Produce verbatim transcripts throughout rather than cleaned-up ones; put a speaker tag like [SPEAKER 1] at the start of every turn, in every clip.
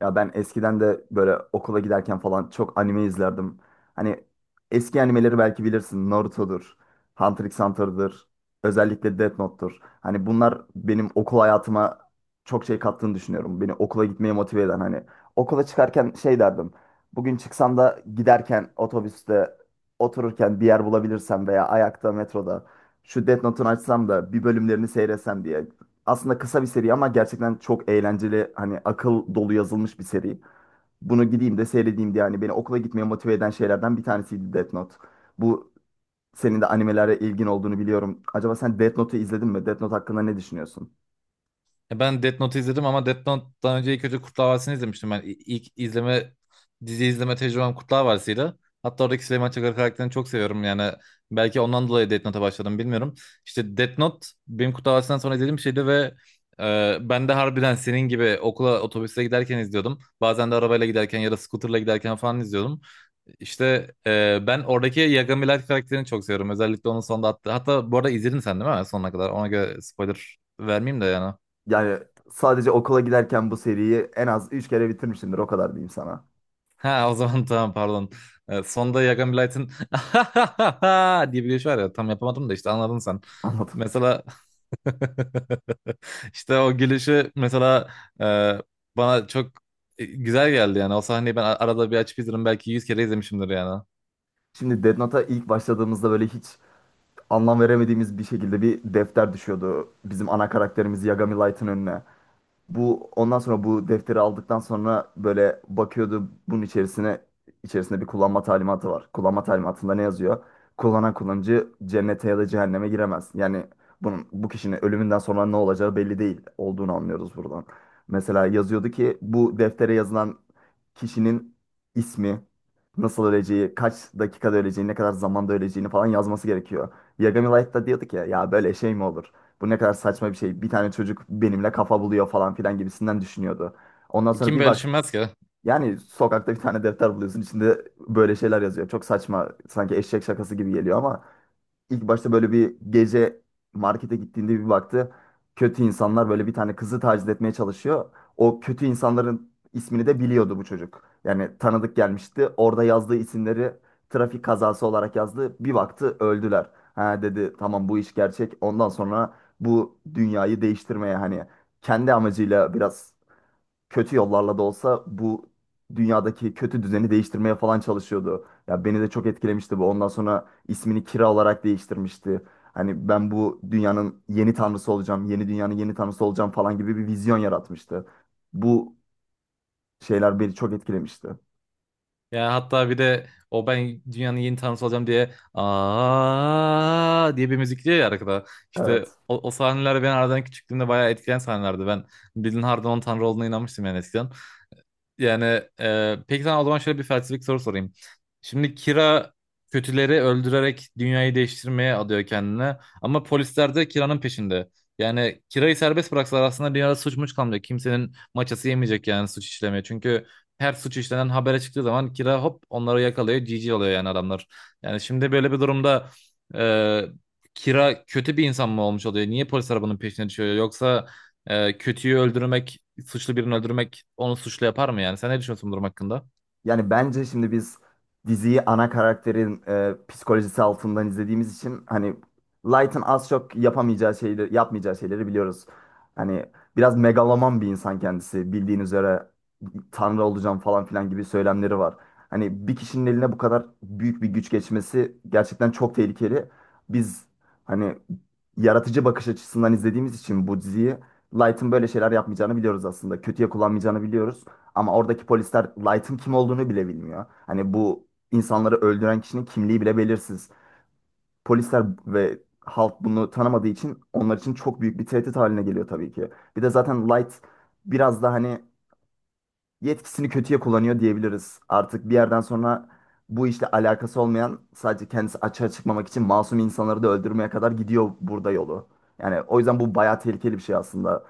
[SPEAKER 1] Ya ben eskiden de böyle okula giderken falan çok anime izlerdim. Hani eski animeleri belki bilirsin. Naruto'dur, Hunter x Hunter'dır, özellikle Death Note'tur. Hani bunlar benim okul hayatıma çok şey kattığını düşünüyorum. Beni okula gitmeye motive eden hani. Okula çıkarken şey derdim. Bugün çıksam da giderken otobüste otururken bir yer bulabilirsem veya ayakta metroda şu Death Note'un açsam da bir bölümlerini seyretsem diye aslında kısa bir seri ama gerçekten çok eğlenceli hani akıl dolu yazılmış bir seri. Bunu gideyim de seyredeyim diye yani beni okula gitmeye motive eden şeylerden bir tanesiydi Death Note. Bu senin de animelere ilgin olduğunu biliyorum. Acaba sen Death Note'u izledin mi? Death Note hakkında ne düşünüyorsun?
[SPEAKER 2] Ya, ben Death Note izledim ama Death Note'dan önce ilk önce Kurtlar Vadisi'ni izlemiştim. Ben İ- ilk izleme dizi izleme tecrübem Kurtlar Vadisi'ydi. Hatta oradaki Süleyman Çakır karakterini çok seviyorum yani. Belki ondan dolayı Death Note'a başladım, bilmiyorum. İşte Death Note benim Kurtlar Vadisi'nden sonra izlediğim bir şeydi ve e, ben de harbiden senin gibi okula otobüsle giderken izliyordum. Bazen de arabayla giderken ya da scooterla giderken falan izliyordum. İşte e, ben oradaki Yagami Light karakterini çok seviyorum. Özellikle onun sonunda attığı. Hatta bu arada izledin sen değil mi sonuna kadar? Ona göre spoiler vermeyeyim de yani.
[SPEAKER 1] Yani sadece okula giderken bu seriyi en az üç kere bitirmişimdir o kadar diyeyim sana.
[SPEAKER 2] Ha, o zaman tamam, pardon. Ee, sonda Yagan Blight'ın diye bir gülüş var ya, tam yapamadım da işte anladın sen.
[SPEAKER 1] Anladım.
[SPEAKER 2] Mesela işte o gülüşü mesela e, bana çok e, güzel geldi yani. O sahneyi ben arada bir açıp izlerim, belki yüz kere izlemişimdir yani.
[SPEAKER 1] Şimdi Death Note'a ilk başladığımızda böyle hiç anlam veremediğimiz bir şekilde bir defter düşüyordu bizim ana karakterimiz Yagami Light'ın önüne. Bu ondan sonra bu defteri aldıktan sonra böyle bakıyordu bunun içerisine, içerisinde bir kullanma talimatı var. Kullanma talimatında ne yazıyor? Kullanan kullanıcı cennete ya da cehenneme giremez. Yani bunun bu kişinin ölümünden sonra ne olacağı belli değil olduğunu anlıyoruz buradan. Mesela yazıyordu ki bu deftere yazılan kişinin ismi, nasıl öleceği, kaç dakikada öleceğini, ne kadar zamanda öleceğini falan yazması gerekiyor. Yagami Light'ta diyordu ki ya böyle şey mi olur? Bu ne kadar saçma bir şey. Bir tane çocuk benimle kafa buluyor falan filan gibisinden düşünüyordu. Ondan sonra
[SPEAKER 2] Kim
[SPEAKER 1] bir
[SPEAKER 2] böyle
[SPEAKER 1] bak,
[SPEAKER 2] düşünmez ki?
[SPEAKER 1] yani sokakta bir tane defter buluyorsun, içinde böyle şeyler yazıyor. Çok saçma, sanki eşek şakası gibi geliyor ama İlk başta böyle bir gece markete gittiğinde bir baktı. Kötü insanlar böyle bir tane kızı taciz etmeye çalışıyor. O kötü insanların ismini de biliyordu bu çocuk. Yani tanıdık gelmişti. Orada yazdığı isimleri trafik kazası olarak yazdı. Bir baktı öldüler. Ha dedi tamam, bu iş gerçek. Ondan sonra bu dünyayı değiştirmeye, hani kendi amacıyla, biraz kötü yollarla da olsa bu dünyadaki kötü düzeni değiştirmeye falan çalışıyordu. Ya beni de çok etkilemişti bu. Ondan sonra ismini Kira olarak değiştirmişti. Hani ben bu dünyanın yeni tanrısı olacağım, yeni dünyanın yeni tanrısı olacağım falan gibi bir vizyon yaratmıştı. Bu şeyler beni çok etkilemişti.
[SPEAKER 2] Ya hatta bir de o "ben dünyanın yeni tanrısı olacağım" diye, aa diye bir müzik diyor ya arkada. İşte
[SPEAKER 1] Evet.
[SPEAKER 2] o, o sahneler ben aradan küçüklüğümde bayağı etkileyen sahnelerdi. Ben Bilin Harda'nın onun tanrı olduğuna inanmıştım yani eskiden. Yani e, peki sana o zaman şöyle bir felsefik soru sorayım. Şimdi Kira kötüleri öldürerek dünyayı değiştirmeye adıyor kendine. Ama polisler de Kira'nın peşinde. Yani Kira'yı serbest bıraksalar aslında dünyada suç muç kalmayacak. Kimsenin maçası yemeyecek yani suç işlemeye. Çünkü her suç işlenen habere çıktığı zaman Kira hop onları yakalıyor. G G oluyor yani adamlar. Yani şimdi böyle bir durumda e, Kira kötü bir insan mı olmuş oluyor? Niye polisler bunun peşine düşüyor? Yoksa e, kötüyü öldürmek, suçlu birini öldürmek onu suçlu yapar mı yani? Sen ne düşünüyorsun bu durum hakkında?
[SPEAKER 1] Yani bence şimdi biz diziyi ana karakterin e, psikolojisi altından izlediğimiz için hani Light'ın az çok yapamayacağı şeyleri, yapmayacağı şeyleri biliyoruz. Hani biraz megaloman bir insan kendisi. Bildiğin üzere tanrı olacağım falan filan gibi söylemleri var. Hani bir kişinin eline bu kadar büyük bir güç geçmesi gerçekten çok tehlikeli. Biz hani yaratıcı bakış açısından izlediğimiz için bu diziyi Light'ın böyle şeyler yapmayacağını biliyoruz aslında. Kötüye kullanmayacağını biliyoruz. Ama oradaki polisler Light'ın kim olduğunu bile bilmiyor. Hani bu insanları öldüren kişinin kimliği bile belirsiz. Polisler ve halk bunu tanımadığı için onlar için çok büyük bir tehdit haline geliyor tabii ki. Bir de zaten Light biraz da hani yetkisini kötüye kullanıyor diyebiliriz. Artık bir yerden sonra bu işle alakası olmayan, sadece kendisi açığa çıkmamak için masum insanları da öldürmeye kadar gidiyor burada yolu. Yani o yüzden bu bayağı tehlikeli bir şey aslında.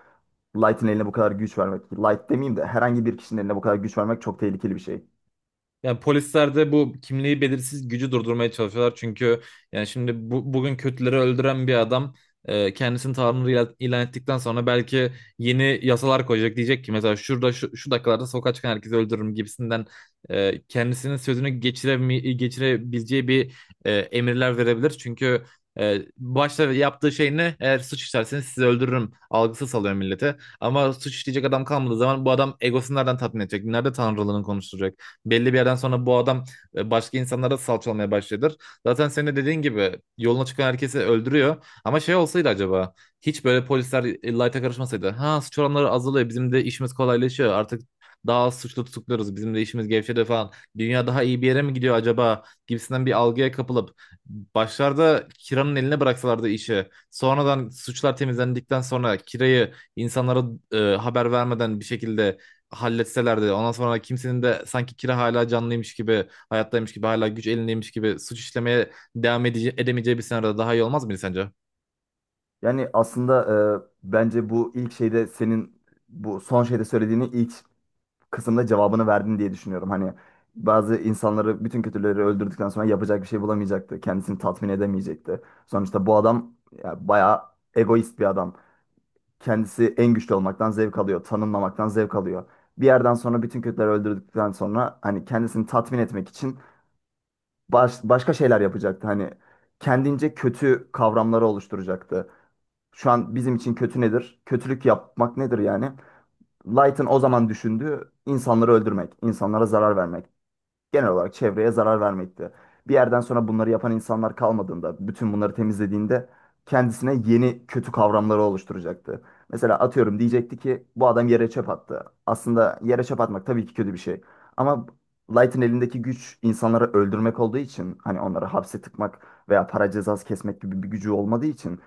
[SPEAKER 1] Light'ın eline bu kadar güç vermek, Light demeyeyim de herhangi bir kişinin eline bu kadar güç vermek çok tehlikeli bir şey.
[SPEAKER 2] Yani polisler de bu kimliği belirsiz gücü durdurmaya çalışıyorlar. Çünkü yani şimdi bu, bugün kötüleri öldüren bir adam e, kendisini Tanrı ilan ilan ettikten sonra belki yeni yasalar koyacak. Diyecek ki mesela şurada şu, şu dakikalarda sokağa çıkan herkesi öldürürüm gibisinden e, kendisinin sözünü geçiremi, geçirebileceği bir e, emirler verebilir. Çünkü e, başta yaptığı şey ne? Eğer suç işlerseniz sizi öldürürüm algısı salıyor millete. Ama suç işleyecek adam kalmadığı zaman bu adam egosunu nereden tatmin edecek? Nerede tanrılığını konuşturacak? Belli bir yerden sonra bu adam e, başka insanlara salçalamaya başladır. Zaten senin de dediğin gibi yoluna çıkan herkesi öldürüyor. Ama şey olsaydı acaba, hiç böyle polisler e, Light'a karışmasaydı. Ha, suç oranları azalıyor. Bizim de işimiz kolaylaşıyor. Artık daha az suçlu tutukluyoruz. Bizim de işimiz gevşedi falan. Dünya daha iyi bir yere mi gidiyor acaba? Gibisinden bir algıya kapılıp başlarda Kira'nın eline bıraksalardı işi. Sonradan suçlar temizlendikten sonra Kira'yı insanlara e, haber vermeden bir şekilde halletselerdi, ondan sonra kimsenin de sanki kira hala canlıymış gibi, hayattaymış gibi, hala güç elindeymiş gibi suç işlemeye devam ede- edemeyeceği bir senaryoda daha iyi olmaz mıydı sence?
[SPEAKER 1] Yani aslında e, bence bu ilk şeyde senin bu son şeyde söylediğini ilk kısımda cevabını verdin diye düşünüyorum. Hani bazı insanları, bütün kötüleri öldürdükten sonra yapacak bir şey bulamayacaktı. Kendisini tatmin edemeyecekti. Sonuçta bu adam ya, bayağı egoist bir adam. Kendisi en güçlü olmaktan zevk alıyor. Tanınmamaktan zevk alıyor. Bir yerden sonra bütün kötüleri öldürdükten sonra hani kendisini tatmin etmek için baş- başka şeyler yapacaktı. Hani kendince kötü kavramları oluşturacaktı. Şu an bizim için kötü nedir? Kötülük yapmak nedir yani? Light'ın o zaman düşündüğü insanları öldürmek, insanlara zarar vermek, genel olarak çevreye zarar vermekti. Bir yerden sonra bunları yapan insanlar kalmadığında, bütün bunları temizlediğinde kendisine yeni kötü kavramları oluşturacaktı. Mesela atıyorum diyecekti ki bu adam yere çöp attı. Aslında yere çöp atmak tabii ki kötü bir şey. Ama Light'ın elindeki güç insanları öldürmek olduğu için, hani onları hapse tıkmak veya para cezası kesmek gibi bir gücü olmadığı için,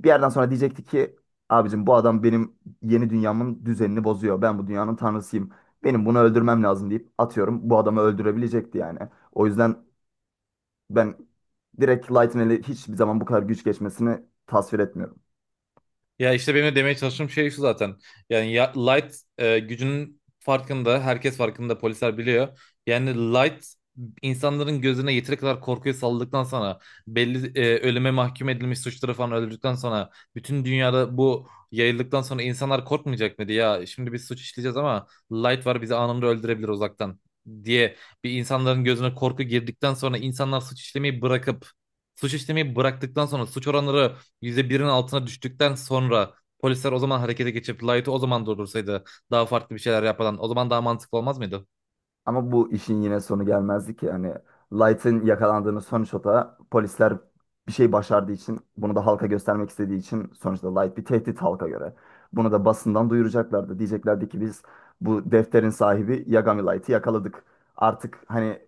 [SPEAKER 1] bir yerden sonra diyecekti ki abicim bu adam benim yeni dünyamın düzenini bozuyor. Ben bu dünyanın tanrısıyım. Benim bunu öldürmem lazım deyip atıyorum bu adamı öldürebilecekti yani. O yüzden ben direkt Lightning hiçbir zaman bu kadar güç geçmesini tasvir etmiyorum.
[SPEAKER 2] Ya işte benim de demeye çalıştığım şey şu zaten. Yani ya, Light e, gücünün farkında, herkes farkında, polisler biliyor. Yani Light insanların gözüne yeteri kadar korkuyu saldıktan sonra, belli e, ölüme mahkum edilmiş suçları falan öldürdükten sonra, bütün dünyada bu yayıldıktan sonra insanlar korkmayacak mıydı? Ya şimdi biz suç işleyeceğiz ama Light var, bizi anında öldürebilir uzaktan diye, bir insanların gözüne korku girdikten sonra insanlar suç işlemeyi bırakıp, suç işlemeyi bıraktıktan sonra suç oranları yüzde birin altına düştükten sonra polisler o zaman harekete geçip Light'ı o zaman durdursaydı, daha farklı bir şeyler yapmadan, o zaman daha mantıklı olmaz mıydı?
[SPEAKER 1] Ama bu işin yine sonu gelmezdi ki. Hani Light'ın yakalandığını sonuçta da polisler bir şey başardığı için bunu da halka göstermek istediği için, sonuçta Light bir tehdit halka göre. Bunu da basından duyuracaklardı. Diyeceklerdi ki biz bu defterin sahibi Yagami Light'ı yakaladık. Artık hani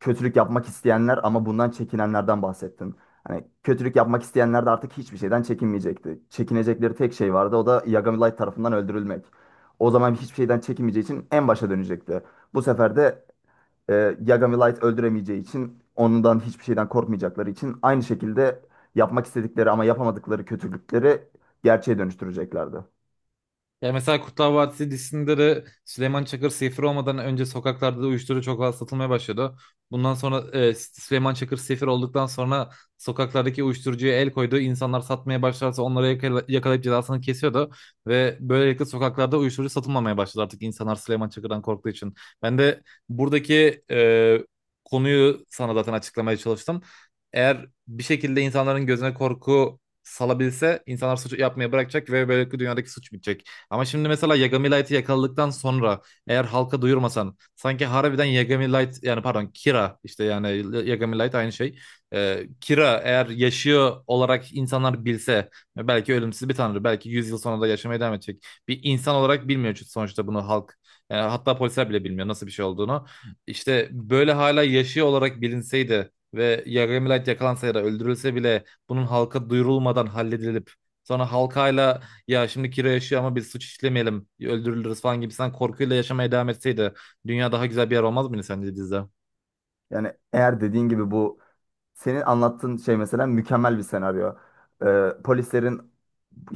[SPEAKER 1] kötülük yapmak isteyenler ama bundan çekinenlerden bahsettin. Hani kötülük yapmak isteyenler de artık hiçbir şeyden çekinmeyecekti. Çekinecekleri tek şey vardı, o da Yagami Light tarafından öldürülmek. O zaman hiçbir şeyden çekinmeyeceği için en başa dönecekti. Bu sefer de e, Yagami Light öldüremeyeceği için, ondan hiçbir şeyden korkmayacakları için, aynı şekilde yapmak istedikleri ama yapamadıkları kötülükleri gerçeğe dönüştüreceklerdi.
[SPEAKER 2] Ya mesela Kurtlar Vadisi dizisinde de Süleyman Çakır sefir olmadan önce sokaklarda da uyuşturucu çok fazla satılmaya başladı. Bundan sonra e, Süleyman Çakır sefir olduktan sonra sokaklardaki uyuşturucuya el koydu. İnsanlar satmaya başlarsa onları yakala- yakalayıp cezasını kesiyordu. Ve böylelikle sokaklarda uyuşturucu satılmamaya başladı, artık insanlar Süleyman Çakır'dan korktuğu için. Ben de buradaki e, konuyu sana zaten açıklamaya çalıştım. Eğer bir şekilde insanların gözüne korku salabilse insanlar suç yapmaya bırakacak ve böylelikle dünyadaki suç bitecek. Ama şimdi mesela Yagami Light'ı yakaladıktan sonra eğer halka duyurmasan, sanki harbiden Yagami Light, yani pardon Kira, işte yani Yagami Light aynı şey. Ee, Kira eğer yaşıyor olarak insanlar bilse, belki ölümsüz bir tanrı, belki yüz yıl sonra da yaşamaya devam edecek. Bir insan olarak bilmiyor çünkü sonuçta bunu halk, yani hatta polisler bile bilmiyor nasıl bir şey olduğunu. İşte böyle hala yaşıyor olarak bilinseydi ve Yagami Light yakalansa ya da öldürülse bile bunun halka duyurulmadan halledilip, sonra halkayla "ya şimdi Kira yaşıyor ama biz suç işlemeyelim, öldürülürüz" falan gibisinden korkuyla yaşamaya devam etseydi, dünya daha güzel bir yer olmaz mıydı sence dizide?
[SPEAKER 1] Yani eğer dediğin gibi bu senin anlattığın şey mesela mükemmel bir senaryo. E, polislerin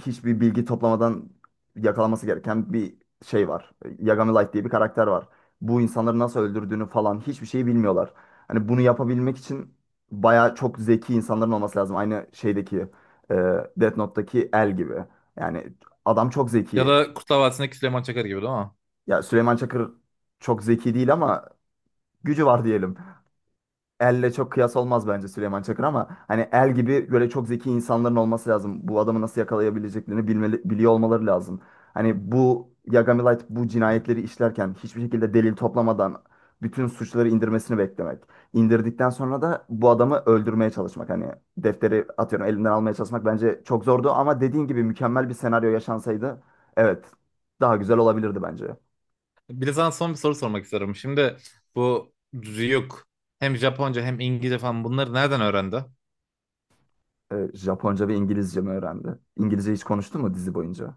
[SPEAKER 1] hiçbir bilgi toplamadan yakalaması gereken bir şey var. Yagami Light diye bir karakter var. Bu insanları nasıl öldürdüğünü falan hiçbir şeyi bilmiyorlar. Hani bunu yapabilmek için bayağı çok zeki insanların olması lazım. Aynı şeydeki e, Death Note'daki El gibi. Yani adam çok
[SPEAKER 2] Ya
[SPEAKER 1] zeki.
[SPEAKER 2] da Kurtlar Vadisi'ndeki Süleyman Çakar gibi değil mi?
[SPEAKER 1] Ya Süleyman Çakır çok zeki değil ama gücü var diyelim. Elle çok kıyas olmaz bence Süleyman Çakır ama hani el gibi böyle çok zeki insanların olması lazım. Bu adamı nasıl yakalayabileceklerini bilmeli, biliyor olmaları lazım. Hani bu Yagami Light bu cinayetleri işlerken hiçbir şekilde delil toplamadan bütün suçları indirmesini beklemek. İndirdikten sonra da bu adamı öldürmeye çalışmak. Hani defteri atıyorum elinden almaya çalışmak bence çok zordu, ama dediğin gibi mükemmel bir senaryo yaşansaydı evet daha güzel olabilirdi bence.
[SPEAKER 2] Bir de sana son bir soru sormak istiyorum. Şimdi bu Ryuk hem Japonca hem İngilizce falan bunları nereden öğrendi?
[SPEAKER 1] Ee, Japonca ve İngilizce mi öğrendi? İngilizce hiç konuştu mu dizi boyunca?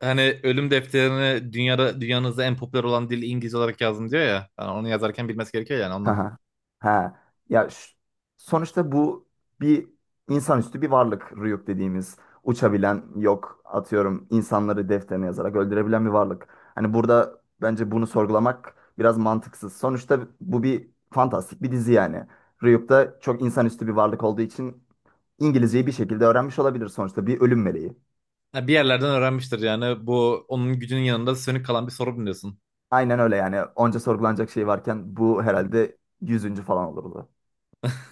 [SPEAKER 2] Hani "ölüm defterini dünyada dünyanızda en popüler olan dil İngilizce olarak yazdım" diyor ya. Yani onu yazarken bilmesi gerekiyor yani
[SPEAKER 1] Ha.
[SPEAKER 2] ondan.
[SPEAKER 1] Ha. Ha. Ya ş- sonuçta bu bir insanüstü bir varlık Ryuk dediğimiz. Uçabilen, yok atıyorum insanları defterine yazarak öldürebilen bir varlık. Hani burada bence bunu sorgulamak biraz mantıksız. Sonuçta bu bir fantastik bir dizi yani. Ryuk da çok insanüstü bir varlık olduğu için İngilizceyi bir şekilde öğrenmiş olabilir, sonuçta bir ölüm meleği.
[SPEAKER 2] Ha, bir yerlerden öğrenmiştir yani. Bu onun gücünün yanında sönük kalan bir sorun diyorsun.
[SPEAKER 1] Aynen öyle, yani onca sorgulanacak şey varken bu herhalde yüzüncü falan olurdu.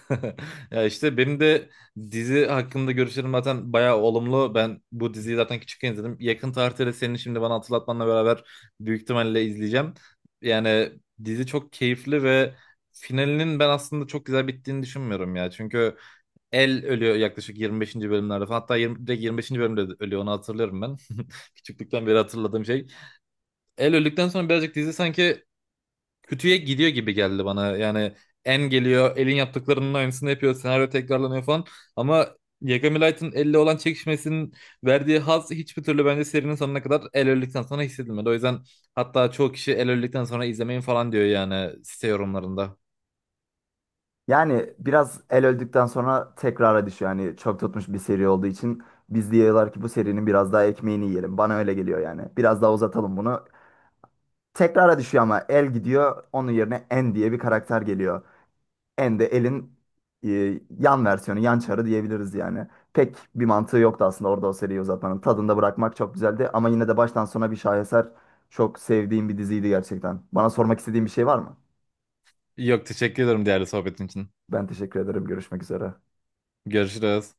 [SPEAKER 2] Ya işte benim de dizi hakkında görüşlerim zaten bayağı olumlu. Ben bu diziyi zaten küçükken izledim. Yakın tarihte de senin şimdi bana hatırlatmanla beraber büyük ihtimalle izleyeceğim. Yani dizi çok keyifli ve finalinin ben aslında çok güzel bittiğini düşünmüyorum ya. Çünkü El ölüyor yaklaşık yirmi beşinci bölümlerde falan. Hatta yirmi, direkt yirmi beşinci bölümde ölüyor, onu hatırlıyorum ben. Küçüklükten beri hatırladığım şey. El öldükten sonra birazcık dizi sanki kötüye gidiyor gibi geldi bana. Yani En geliyor, El'in yaptıklarının aynısını yapıyor, senaryo tekrarlanıyor falan. Ama Yagami Light'ın Elle olan çekişmesinin verdiği haz hiçbir türlü bence serinin sonuna kadar, El öldükten sonra hissedilmedi. O yüzden hatta çoğu kişi "El öldükten sonra izlemeyin" falan diyor yani site yorumlarında.
[SPEAKER 1] Yani biraz el öldükten sonra tekrara düşüyor. Yani çok tutmuş bir seri olduğu için biz diyorlar ki bu serinin biraz daha ekmeğini yiyelim. Bana öyle geliyor yani. Biraz daha uzatalım bunu. Tekrara düşüyor ama el gidiyor. Onun yerine En diye bir karakter geliyor. En de elin e, yan versiyonu, yan çarı diyebiliriz yani. Pek bir mantığı yoktu aslında orada o seriyi uzatmanın. Tadında bırakmak çok güzeldi ama yine de baştan sona bir şaheser. Çok sevdiğim bir diziydi gerçekten. Bana sormak istediğin bir şey var mı?
[SPEAKER 2] Yok, teşekkür ederim değerli sohbetin için.
[SPEAKER 1] Ben teşekkür ederim. Görüşmek üzere.
[SPEAKER 2] Görüşürüz.